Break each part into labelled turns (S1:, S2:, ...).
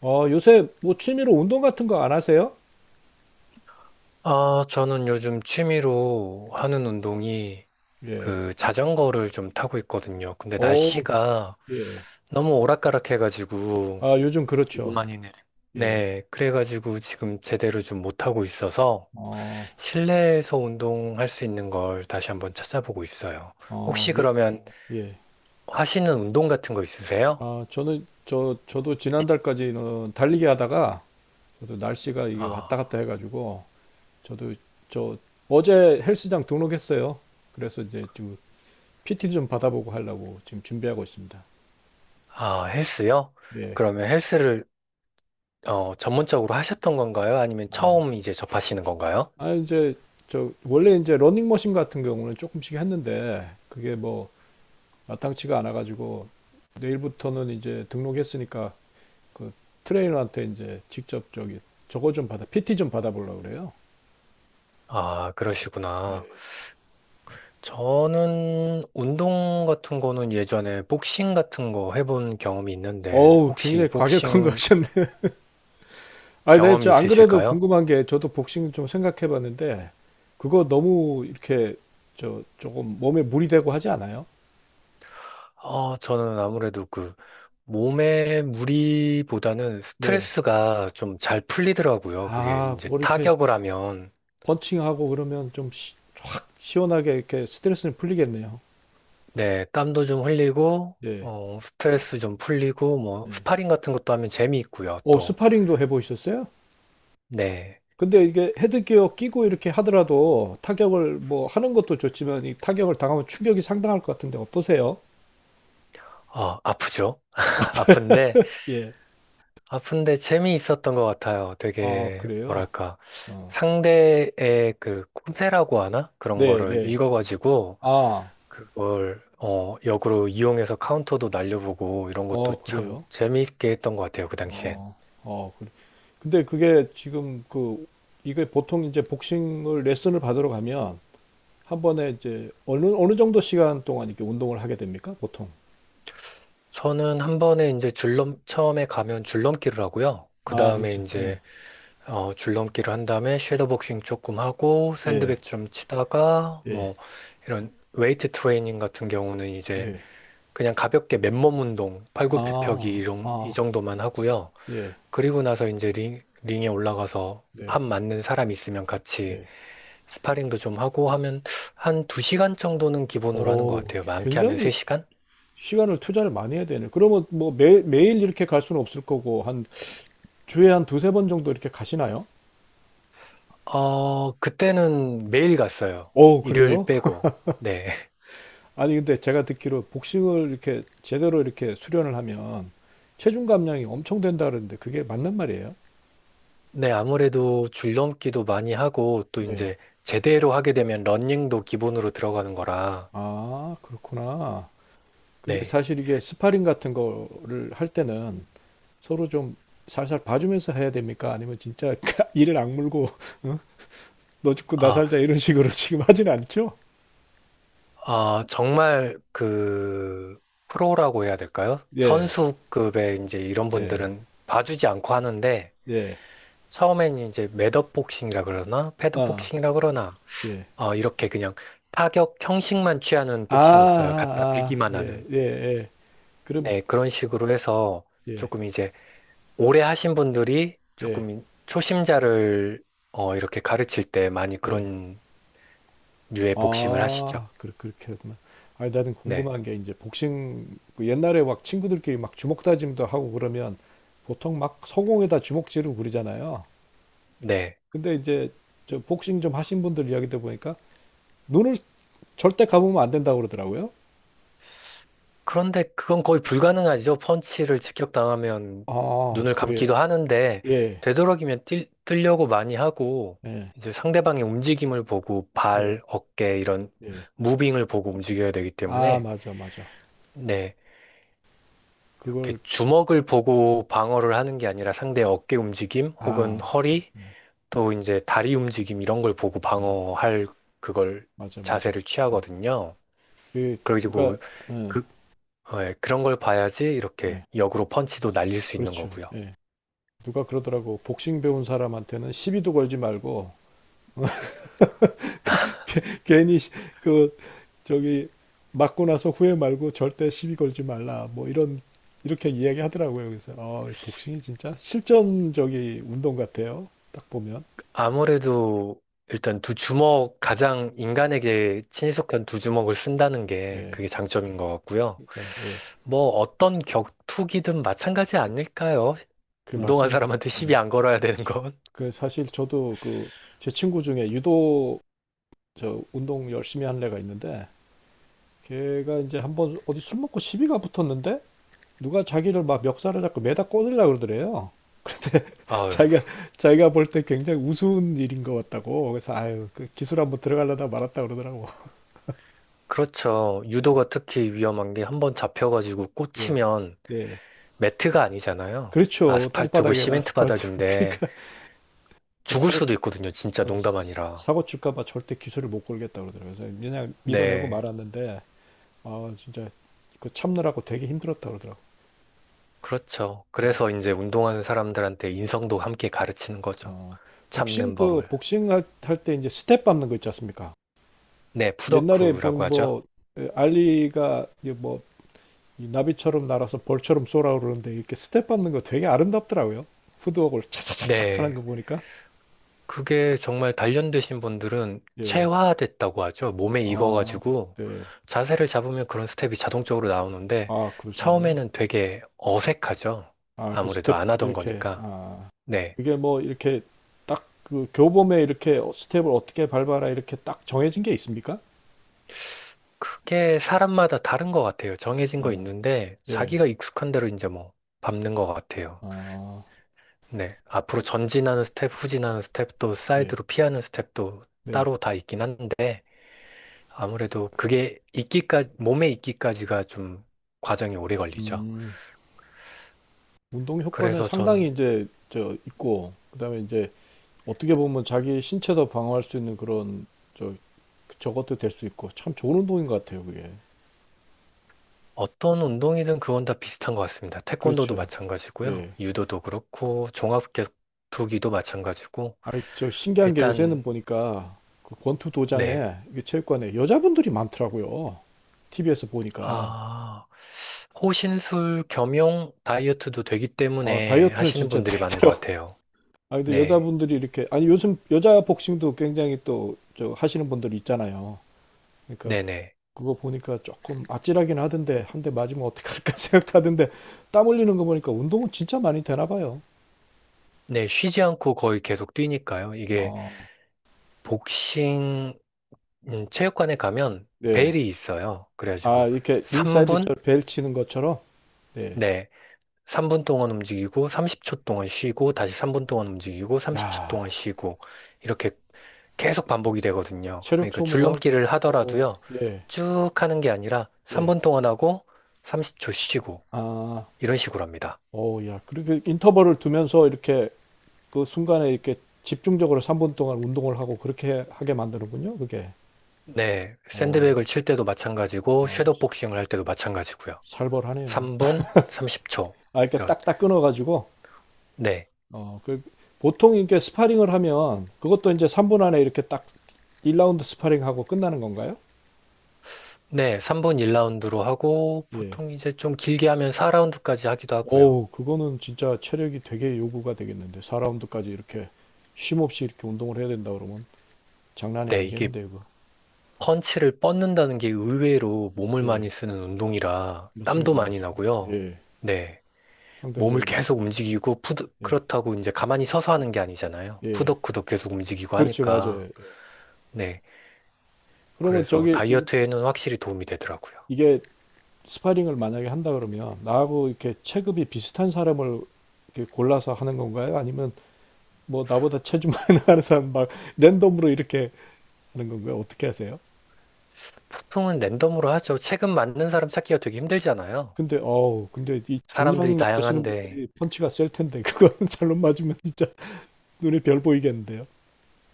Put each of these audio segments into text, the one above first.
S1: 어, 요새 뭐 취미로 운동 같은 거 안 하세요?
S2: 아, 저는 요즘 취미로 하는 운동이
S1: 예.
S2: 그 자전거를 좀 타고 있거든요. 근데
S1: 오.
S2: 날씨가
S1: 예.
S2: 너무 오락가락해가지고,
S1: 아, 요즘
S2: 이거
S1: 그렇죠.
S2: 많이 내려.
S1: 예.
S2: 네, 그래가지고 지금 제대로 좀 못하고 있어서
S1: 어,
S2: 실내에서 운동할 수 있는 걸 다시 한번 찾아보고 있어요.
S1: 어,
S2: 혹시
S1: 예,
S2: 그러면
S1: 예.
S2: 하시는 운동 같은 거 있으세요?
S1: 아, 저는 저도 지난달까지는 달리기 하다가 저도 날씨가 이게
S2: 아,
S1: 왔다 갔다 해가지고 저도 저 어제 헬스장 등록했어요. 그래서 이제 지금 PT 좀 받아보고 하려고 지금 준비하고 있습니다.
S2: 아, 헬스요?
S1: 예.
S2: 그러면 헬스를 전문적으로 하셨던 건가요? 아니면
S1: 아,
S2: 처음 이제 접하시는 건가요?
S1: 아 이제 저 원래 이제 러닝머신 같은 경우는 조금씩 했는데 그게 뭐 마땅치가 않아가지고 내일부터는 이제 등록했으니까 그 트레이너한테 이제 직접 저기 저거 좀 받아 PT 좀 받아보려고 그래요.
S2: 아, 그러시구나.
S1: 네.
S2: 저는 운동 같은 거는 예전에 복싱 같은 거 해본 경험이 있는데
S1: 어우,
S2: 혹시
S1: 굉장히 과격한 거
S2: 복싱
S1: 하셨네. 아니, 네,
S2: 경험이
S1: 저안 그래도
S2: 있으실까요?
S1: 궁금한 게 저도 복싱 좀 생각해봤는데 그거 너무 이렇게 저 조금 몸에 물이 되고 하지 않아요?
S2: 저는 아무래도 그 몸의 무리보다는
S1: 네.
S2: 스트레스가 좀 잘 풀리더라고요. 그게
S1: 아,
S2: 이제
S1: 뭐 이렇게
S2: 타격을 하면.
S1: 펀칭하고 그러면 좀 시, 원하게 이렇게 스트레스는 풀리겠네요.
S2: 네, 땀도 좀 흘리고
S1: 네.
S2: 스트레스 좀 풀리고 뭐
S1: 네.
S2: 스파링 같은 것도 하면 재미있고요.
S1: 어,
S2: 또
S1: 스파링도 해보셨어요?
S2: 네.
S1: 근데 이게 헤드기어 끼고 이렇게 하더라도 타격을 뭐 하는 것도 좋지만 이 타격을 당하면 충격이 상당할 것 같은데 어떠세요?
S2: 아프죠? 아픈데
S1: 예.
S2: 아픈데 재미있었던 것 같아요.
S1: 아,
S2: 되게,
S1: 그래요?
S2: 뭐랄까,
S1: 어.
S2: 상대의 그 꿈새라고 하나? 그런
S1: 네,
S2: 거를
S1: 네.
S2: 읽어가지고,
S1: 아,
S2: 그걸, 역으로 이용해서 카운터도 날려보고, 이런 것도
S1: 어,
S2: 참
S1: 그래요?
S2: 재미있게 했던 것 같아요. 그 당시엔.
S1: 어, 어, 그래. 근데 그게 지금 그, 이게 보통 이제 복싱을 레슨을 받으러 가면 한 번에 이제 어느, 어느 정도 시간 동안 이렇게 운동을 하게 됩니까? 보통.
S2: 저는 한 번에 이제 줄넘, 처음에 가면 줄넘기를 하고요. 그
S1: 아,
S2: 다음에
S1: 진짜. 예,
S2: 이제, 줄넘기를 한 다음에 섀도복싱 조금 하고,
S1: 예,
S2: 샌드백 좀 치다가,
S1: 예,
S2: 뭐, 이런 웨이트 트레이닝 같은 경우는 이제,
S1: 네.
S2: 그냥 가볍게 맨몸 운동, 팔굽혀펴기
S1: 아,
S2: 이 정도만 하고요.
S1: 예,
S2: 그리고 나서 이제 링, 링에 올라가서 한
S1: 네,
S2: 맞는 사람 있으면 같이
S1: 네.
S2: 스파링도 좀 하고 하면 한 2시간 정도는 기본으로 하는 것
S1: 어,
S2: 같아요. 많게 하면
S1: 굉장히
S2: 3시간?
S1: 시간을 투자를 많이 해야 되네. 그러면 뭐 매, 매일 이렇게 갈 수는 없을 거고, 한 주에 한 두세 번 정도 이렇게 가시나요?
S2: 어, 그때는 매일 갔어요.
S1: 어,
S2: 일요일
S1: 그래요?
S2: 빼고. 네.
S1: 아니, 근데 제가 듣기로 복싱을 이렇게 제대로 이렇게 수련을 하면 체중 감량이 엄청 된다 그러는데 그게 맞는 말이에요?
S2: 네, 아무래도 줄넘기도 많이 하고 또
S1: 네.
S2: 이제 제대로 하게 되면 러닝도 기본으로 들어가는 거라.
S1: 아, 그렇구나. 근데
S2: 네.
S1: 사실 이게 스파링 같은 거를 할 때는 서로 좀 살살 봐주면서 해야 됩니까? 아니면 진짜 이를 악물고, 어? 너 죽고 나
S2: 아,
S1: 살자 이런 식으로 지금 하진 않죠?
S2: 정말 그 프로라고 해야 될까요?
S1: 예,
S2: 선수급의 이제 이런
S1: 예,
S2: 분들은 봐주지 않고 하는데
S1: 예,
S2: 처음엔 이제 매업복싱이라 그러나
S1: 아,
S2: 패드복싱이라 그러나
S1: 예,
S2: 이렇게 그냥 타격 형식만 취하는 복싱이 있어요. 갖다
S1: 아,
S2: 대기만
S1: 예,
S2: 하는.
S1: 예, 예. 그럼,
S2: 네, 그런 식으로 해서
S1: 예,
S2: 조금 이제 오래 하신 분들이
S1: 예,
S2: 조금 초심자를 이렇게 가르칠 때 많이
S1: 예.
S2: 그런 류의 복싱을 하시죠.
S1: 아, 그, 그렇게 하구나. 아니, 나는
S2: 네.
S1: 궁금한 게 이제 복싱, 그 옛날에 막 친구들끼리 막 주먹 다짐도 하고 그러면 보통 막 서공에다 주먹 지르고 그러잖아요.
S2: 네.
S1: 근데 이제 저 복싱 좀 하신 분들 이야기 들어보니까 눈을 절대 감으면 안 된다고 그러더라고요.
S2: 그런데 그건 거의 불가능하죠. 펀치를 직격당하면
S1: 아,
S2: 눈을
S1: 그래요.
S2: 감기도 하는데,
S1: 예,
S2: 되도록이면 뛰려고 많이 하고,
S1: 예,
S2: 이제 상대방의 움직임을 보고,
S1: 네,
S2: 발, 어깨, 이런
S1: 예.
S2: 무빙을 보고 움직여야 되기
S1: 아,
S2: 때문에,
S1: 맞아, 맞아.
S2: 네, 이렇게
S1: 그걸.
S2: 주먹을 보고 방어를 하는 게 아니라 상대의 어깨 움직임, 혹은
S1: 아,
S2: 허리,
S1: 그렇구나.
S2: 또 이제 다리 움직임 이런 걸 보고
S1: 음.
S2: 방어할 그걸
S1: 맞아, 맞아.
S2: 자세를
S1: 예.
S2: 취하거든요.
S1: 그. 누가.
S2: 그리고
S1: 예,
S2: 그 예, 그런 걸 봐야지 이렇게
S1: 예.
S2: 역으로 펀치도 날릴 수 있는
S1: 그렇죠.
S2: 거고요.
S1: 예. 누가 그러더라고. 복싱 배운 사람한테는 시비도 걸지 말고 괜히 시- 그 저기 맞고 나서 후회 말고 절대 시비 걸지 말라. 뭐 이런, 이렇게 이야기하더라고요. 그래서 어, 복싱이 진짜 실전적인 운동 같아요. 딱 보면.
S2: 아무래도 일단 두 주먹, 가장 인간에게 친숙한 두 주먹을 쓴다는 게
S1: 예.
S2: 그게 장점인 것 같고요.
S1: 네, 예.
S2: 뭐 어떤 격투기든 마찬가지 아닐까요?
S1: 그
S2: 운동한
S1: 맞습니다.
S2: 사람한테 시비
S1: 예.
S2: 안 걸어야 되는 건.
S1: 그 사실 저도 그 제 친구 중에 유도 저 운동 열심히 하는 애가 있는데 걔가 이제 한 번 어디 술 먹고 시비가 붙었는데 누가 자기를 막 멱살을 잡고 매다 꽂으려고 그러더래요. 근데
S2: 아유,
S1: 자기가 자기가 볼 때 굉장히 우스운 일인 것 같다고. 그래서 아유 그 기술 한번 들어가려다 말았다 그러더라고.
S2: 그렇죠.
S1: 예,
S2: 유도가 특히 위험한 게 한 번 잡혀가지고
S1: 예,
S2: 꽂히면
S1: 예.
S2: 매트가 아니잖아요.
S1: 그렇죠.
S2: 아스팔트고
S1: 땅바닥에
S2: 시멘트
S1: 아스팔트.
S2: 바닥인데
S1: 그러니까 그
S2: 죽을
S1: 사고
S2: 수도
S1: 칠
S2: 있거든요. 진짜
S1: 어,
S2: 농담
S1: 사-
S2: 아니라.
S1: 사고 칠까봐 절대 기술을 못 걸겠다 그러더라고요. 그래서 그냥 밀어내고
S2: 네.
S1: 말았는데 아 진짜 그 참느라고 되게 힘들었다 그러더라고.
S2: 그렇죠.
S1: 예.
S2: 그래서 이제 운동하는 사람들한테 인성도 함께 가르치는 거죠.
S1: 어,
S2: 참는 법을.
S1: 복싱 할 때 이제 스텝 밟는 거 있지 않습니까?
S2: 네,
S1: 옛날에
S2: 푸더크라고 하죠.
S1: 본뭐 알리가 이제 뭐이 나비처럼 날아서 벌처럼 쏘라 그러는데 이렇게 스텝 밟는 거 되게 아름답더라고요. 푸드웍을 차차차차 하는
S2: 네.
S1: 거 보니까.
S2: 그게 정말 단련되신 분들은
S1: 예.
S2: 체화됐다고 하죠. 몸에
S1: 아,
S2: 익어가지고
S1: 네.
S2: 자세를 잡으면 그런 스텝이 자동적으로 나오는데
S1: 아, 그러신구나.
S2: 처음에는 되게 어색하죠.
S1: 아, 그
S2: 아무래도
S1: 스텝
S2: 안 하던
S1: 이렇게
S2: 거니까.
S1: 아,
S2: 네.
S1: 그게 뭐 이렇게 딱 그 교범에 이렇게 어, 스텝을 어떻게 밟아라 이렇게 딱 정해진 게 있습니까?
S2: 그게 사람마다 다른 것 같아요. 정해진 거
S1: 아,
S2: 있는데
S1: 예.
S2: 자기가 익숙한 대로 이제 뭐 밟는 것 같아요.
S1: 아,
S2: 네. 앞으로 전진하는 스텝, 후진하는 스텝도
S1: 예.
S2: 사이드로 피하는 스텝도
S1: 네.
S2: 따로 다 있긴 한데 아무래도 그게 익기까지 몸에 익기까지가 좀 과정이 오래 걸리죠.
S1: 음. 운동 효과는
S2: 그래서
S1: 상당히
S2: 전
S1: 이제 저 있고 그다음에 이제 어떻게 보면 자기 신체도 방어할 수 있는 그런 저, 저것도 될 수 있고 참 좋은 운동인 것 같아요 그게.
S2: 어떤 운동이든 그건 다 비슷한 것 같습니다. 태권도도
S1: 그렇죠.
S2: 마찬가지고요.
S1: 예.
S2: 유도도 그렇고 종합격투기도 마찬가지고
S1: 아니 저 신기한 게 요새는
S2: 일단
S1: 보니까 그 권투
S2: 네.
S1: 도장에 이게 체육관에 여자분들이 많더라고요. TV에서 보니까
S2: 아, 호신술 겸용 다이어트도 되기
S1: 아,
S2: 때문에
S1: 다이어트는
S2: 하시는
S1: 진짜
S2: 분들이 많은 것
S1: 되더라고.
S2: 같아요.
S1: 아 근데
S2: 네.
S1: 여자분들이 이렇게 아니 요즘 여자 복싱도 굉장히 또 저 하시는 분들 있잖아요. 그러니까
S2: 네네.
S1: 그거 보니까 조금 아찔하긴 하던데 한 대 맞으면 어떡할까 생각도 하던데. 땀 흘리는 거 보니까 운동은 진짜 많이 되나 봐요.
S2: 네, 쉬지 않고 거의 계속 뛰니까요. 이게
S1: 어.
S2: 복싱 체육관에 가면
S1: 네.
S2: 벨이 있어요.
S1: 아,
S2: 그래가지고
S1: 이렇게 링사이드
S2: 3분?
S1: 저벨 치는 것처럼. 네.
S2: 네. 3분 동안 움직이고 30초 동안 쉬고 다시 3분 동안 움직이고 30초 동안
S1: 야,
S2: 쉬고 이렇게 계속 반복이 되거든요.
S1: 체력
S2: 그러니까
S1: 소모가.
S2: 줄넘기를
S1: 어,
S2: 하더라도요.
S1: 예.
S2: 쭉 하는 게 아니라
S1: 예.
S2: 3분 동안 하고 30초 쉬고
S1: 아,
S2: 이런 식으로 합니다.
S1: 어, 야. 그렇게 인터벌을 두면서 이렇게 그 순간에 이렇게 집중적으로 3분 동안 운동을 하고 그렇게 하게 만드는군요, 그게.
S2: 네.
S1: 어,
S2: 샌드백을 칠 때도 마찬가지고
S1: 아주
S2: 섀도우 복싱을 할 때도 마찬가지고요.
S1: 살벌하네요.
S2: 3분 30초.
S1: 아, 이렇게
S2: 이런.
S1: 딱딱 끊어 가지고
S2: 네.
S1: 어, 그 보통 이렇게 스파링을 하면 그것도 이제 3분 안에 이렇게 딱 1라운드 스파링하고 끝나는 건가요?
S2: 네, 3분 1라운드로 하고,
S1: 예.
S2: 보통 이제 좀 길게 하면 4라운드까지 하기도 하고요.
S1: 어우, 그거는 진짜 체력이 되게 요구가 되겠는데. 4라운드까지 이렇게 쉼 없이 이렇게 운동을 해야 된다 그러면 장난이
S2: 네, 이게
S1: 아니겠는데요, 그거.
S2: 펀치를 뻗는다는 게 의외로 몸을
S1: 예.
S2: 많이 쓰는 운동이라 땀도
S1: 맞습니다,
S2: 많이
S1: 맞습니다.
S2: 나고요.
S1: 예.
S2: 네. 몸을
S1: 상대적으로.
S2: 계속 움직이고, 푸드,
S1: 예.
S2: 그렇다고 이제 가만히 서서 하는 게 아니잖아요.
S1: 예.
S2: 푸덕푸덕 계속 움직이고
S1: 그렇죠, 맞아요.
S2: 하니까.
S1: 예.
S2: 네.
S1: 그러면
S2: 그래서
S1: 저기, 이-
S2: 다이어트에는 확실히 도움이 되더라고요.
S1: 이게 스파링을 만약에 한다 그러면 나하고 이렇게 체급이 비슷한 사람을 이렇게 골라서 하는 건가요? 아니면 뭐 나보다 체중 많이 나가는 사람 막 랜덤으로 이렇게 하는 건가요? 어떻게 하세요?
S2: 보통은 랜덤으로 하죠. 체급 맞는 사람 찾기가 되게 힘들잖아요.
S1: 근데 어우 근데 이
S2: 사람들이
S1: 중량 나가시는
S2: 다양한데.
S1: 분들이 펀치가 셀 텐데 그거는 잘못 맞으면 진짜 눈에 별 보이겠는데요.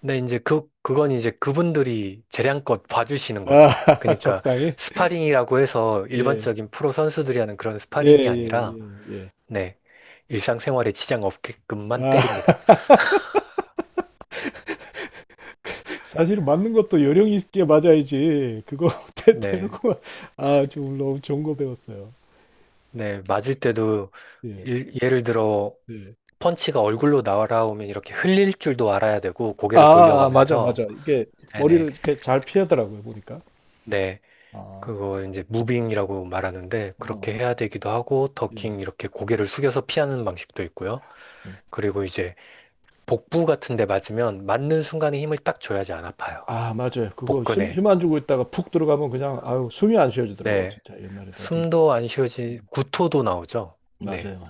S2: 근데 이제 그건 이제 그분들이 재량껏 봐주시는 거죠.
S1: 아
S2: 그러니까
S1: 적당히.
S2: 스파링이라고 해서
S1: 예,
S2: 일반적인 프로 선수들이 하는 그런
S1: 예,
S2: 스파링이 아니라,
S1: 예,
S2: 네, 일상생활에 지장 없게끔만
S1: 예예아.
S2: 때립니다.
S1: 사실 맞는 것도 요령 있게 맞아야지 그거 대-
S2: 네,
S1: 대놓고. 아 지금 너무 좋은 거 배웠어요.
S2: 네, 맞을 때도
S1: 예.
S2: 예를 들어
S1: 예.
S2: 펀치가 얼굴로 날아오면 이렇게 흘릴 줄도 알아야 되고 고개를
S1: 아, 아 맞아
S2: 돌려가면서,
S1: 맞아 이게 머리를
S2: 네네,
S1: 이렇게 잘 피하더라고요 보니까.
S2: 네,
S1: 아,
S2: 그거 이제 무빙이라고 말하는데
S1: 어,
S2: 그렇게 해야 되기도 하고
S1: 예,
S2: 더킹 이렇게 고개를 숙여서 피하는 방식도 있고요.
S1: 예.
S2: 그리고 이제 복부 같은 데 맞으면 맞는 순간에 힘을 딱 줘야지 안 아파요.
S1: 아, 맞아요. 그거 힘,
S2: 복근에.
S1: 힘 안 주고 있다가 푹 들어가면 그냥, 아유, 숨이 안 쉬어지더라고,
S2: 네.
S1: 진짜. 옛날에도 어디.
S2: 숨도 안 쉬어지,
S1: 음,
S2: 구토도 나오죠. 네.
S1: 맞아요, 맞아요.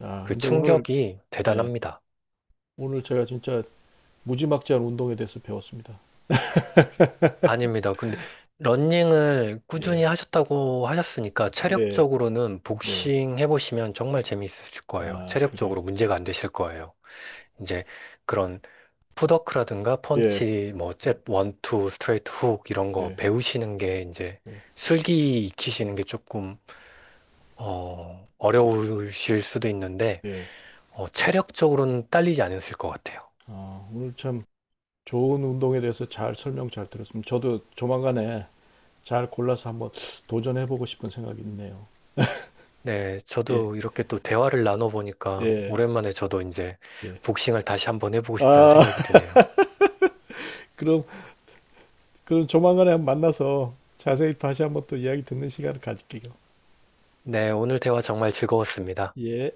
S1: 아,
S2: 그
S1: 근데 오늘,
S2: 충격이
S1: 예,
S2: 대단합니다.
S1: 오늘 제가 진짜 무지막지한 운동에 대해서 배웠습니다.
S2: 아닙니다. 근데 러닝을 꾸준히
S1: 예,
S2: 하셨다고 하셨으니까
S1: 네,
S2: 체력적으로는
S1: 네.
S2: 복싱 해보시면 정말 재미있으실 거예요.
S1: 아, 그래.
S2: 체력적으로 문제가 안 되실 거예요. 이제 그런 풋워크라든가
S1: 예,
S2: 펀치, 뭐,
S1: 음,
S2: 잽, 원, 투, 스트레이트, 훅 이런 거
S1: 네,
S2: 배우시는 게 이제
S1: 네,
S2: 술기 익히시는 게 조금 어려우실 수도 있는데,
S1: 네.
S2: 체력적으로는 딸리지 않으실 것 같아요.
S1: 아, 오늘 참 좋은 운동에 대해서 잘 설명 잘 들었습니다. 저도 조만간에 잘 골라서 한번 도전해보고 싶은 생각이 있네요.
S2: 네,
S1: 예,
S2: 저도 이렇게 또 대화를 나눠보니까
S1: 예,
S2: 오랜만에 저도 이제
S1: 예.
S2: 복싱을 다시 한번 해보고 싶다는
S1: 아,
S2: 생각이 드네요.
S1: 그럼 그럼 조만간에 한번 만나서 자세히 다시 한번 또 이야기 듣는 시간을 가질게요.
S2: 네, 오늘 대화 정말 즐거웠습니다.
S1: 예.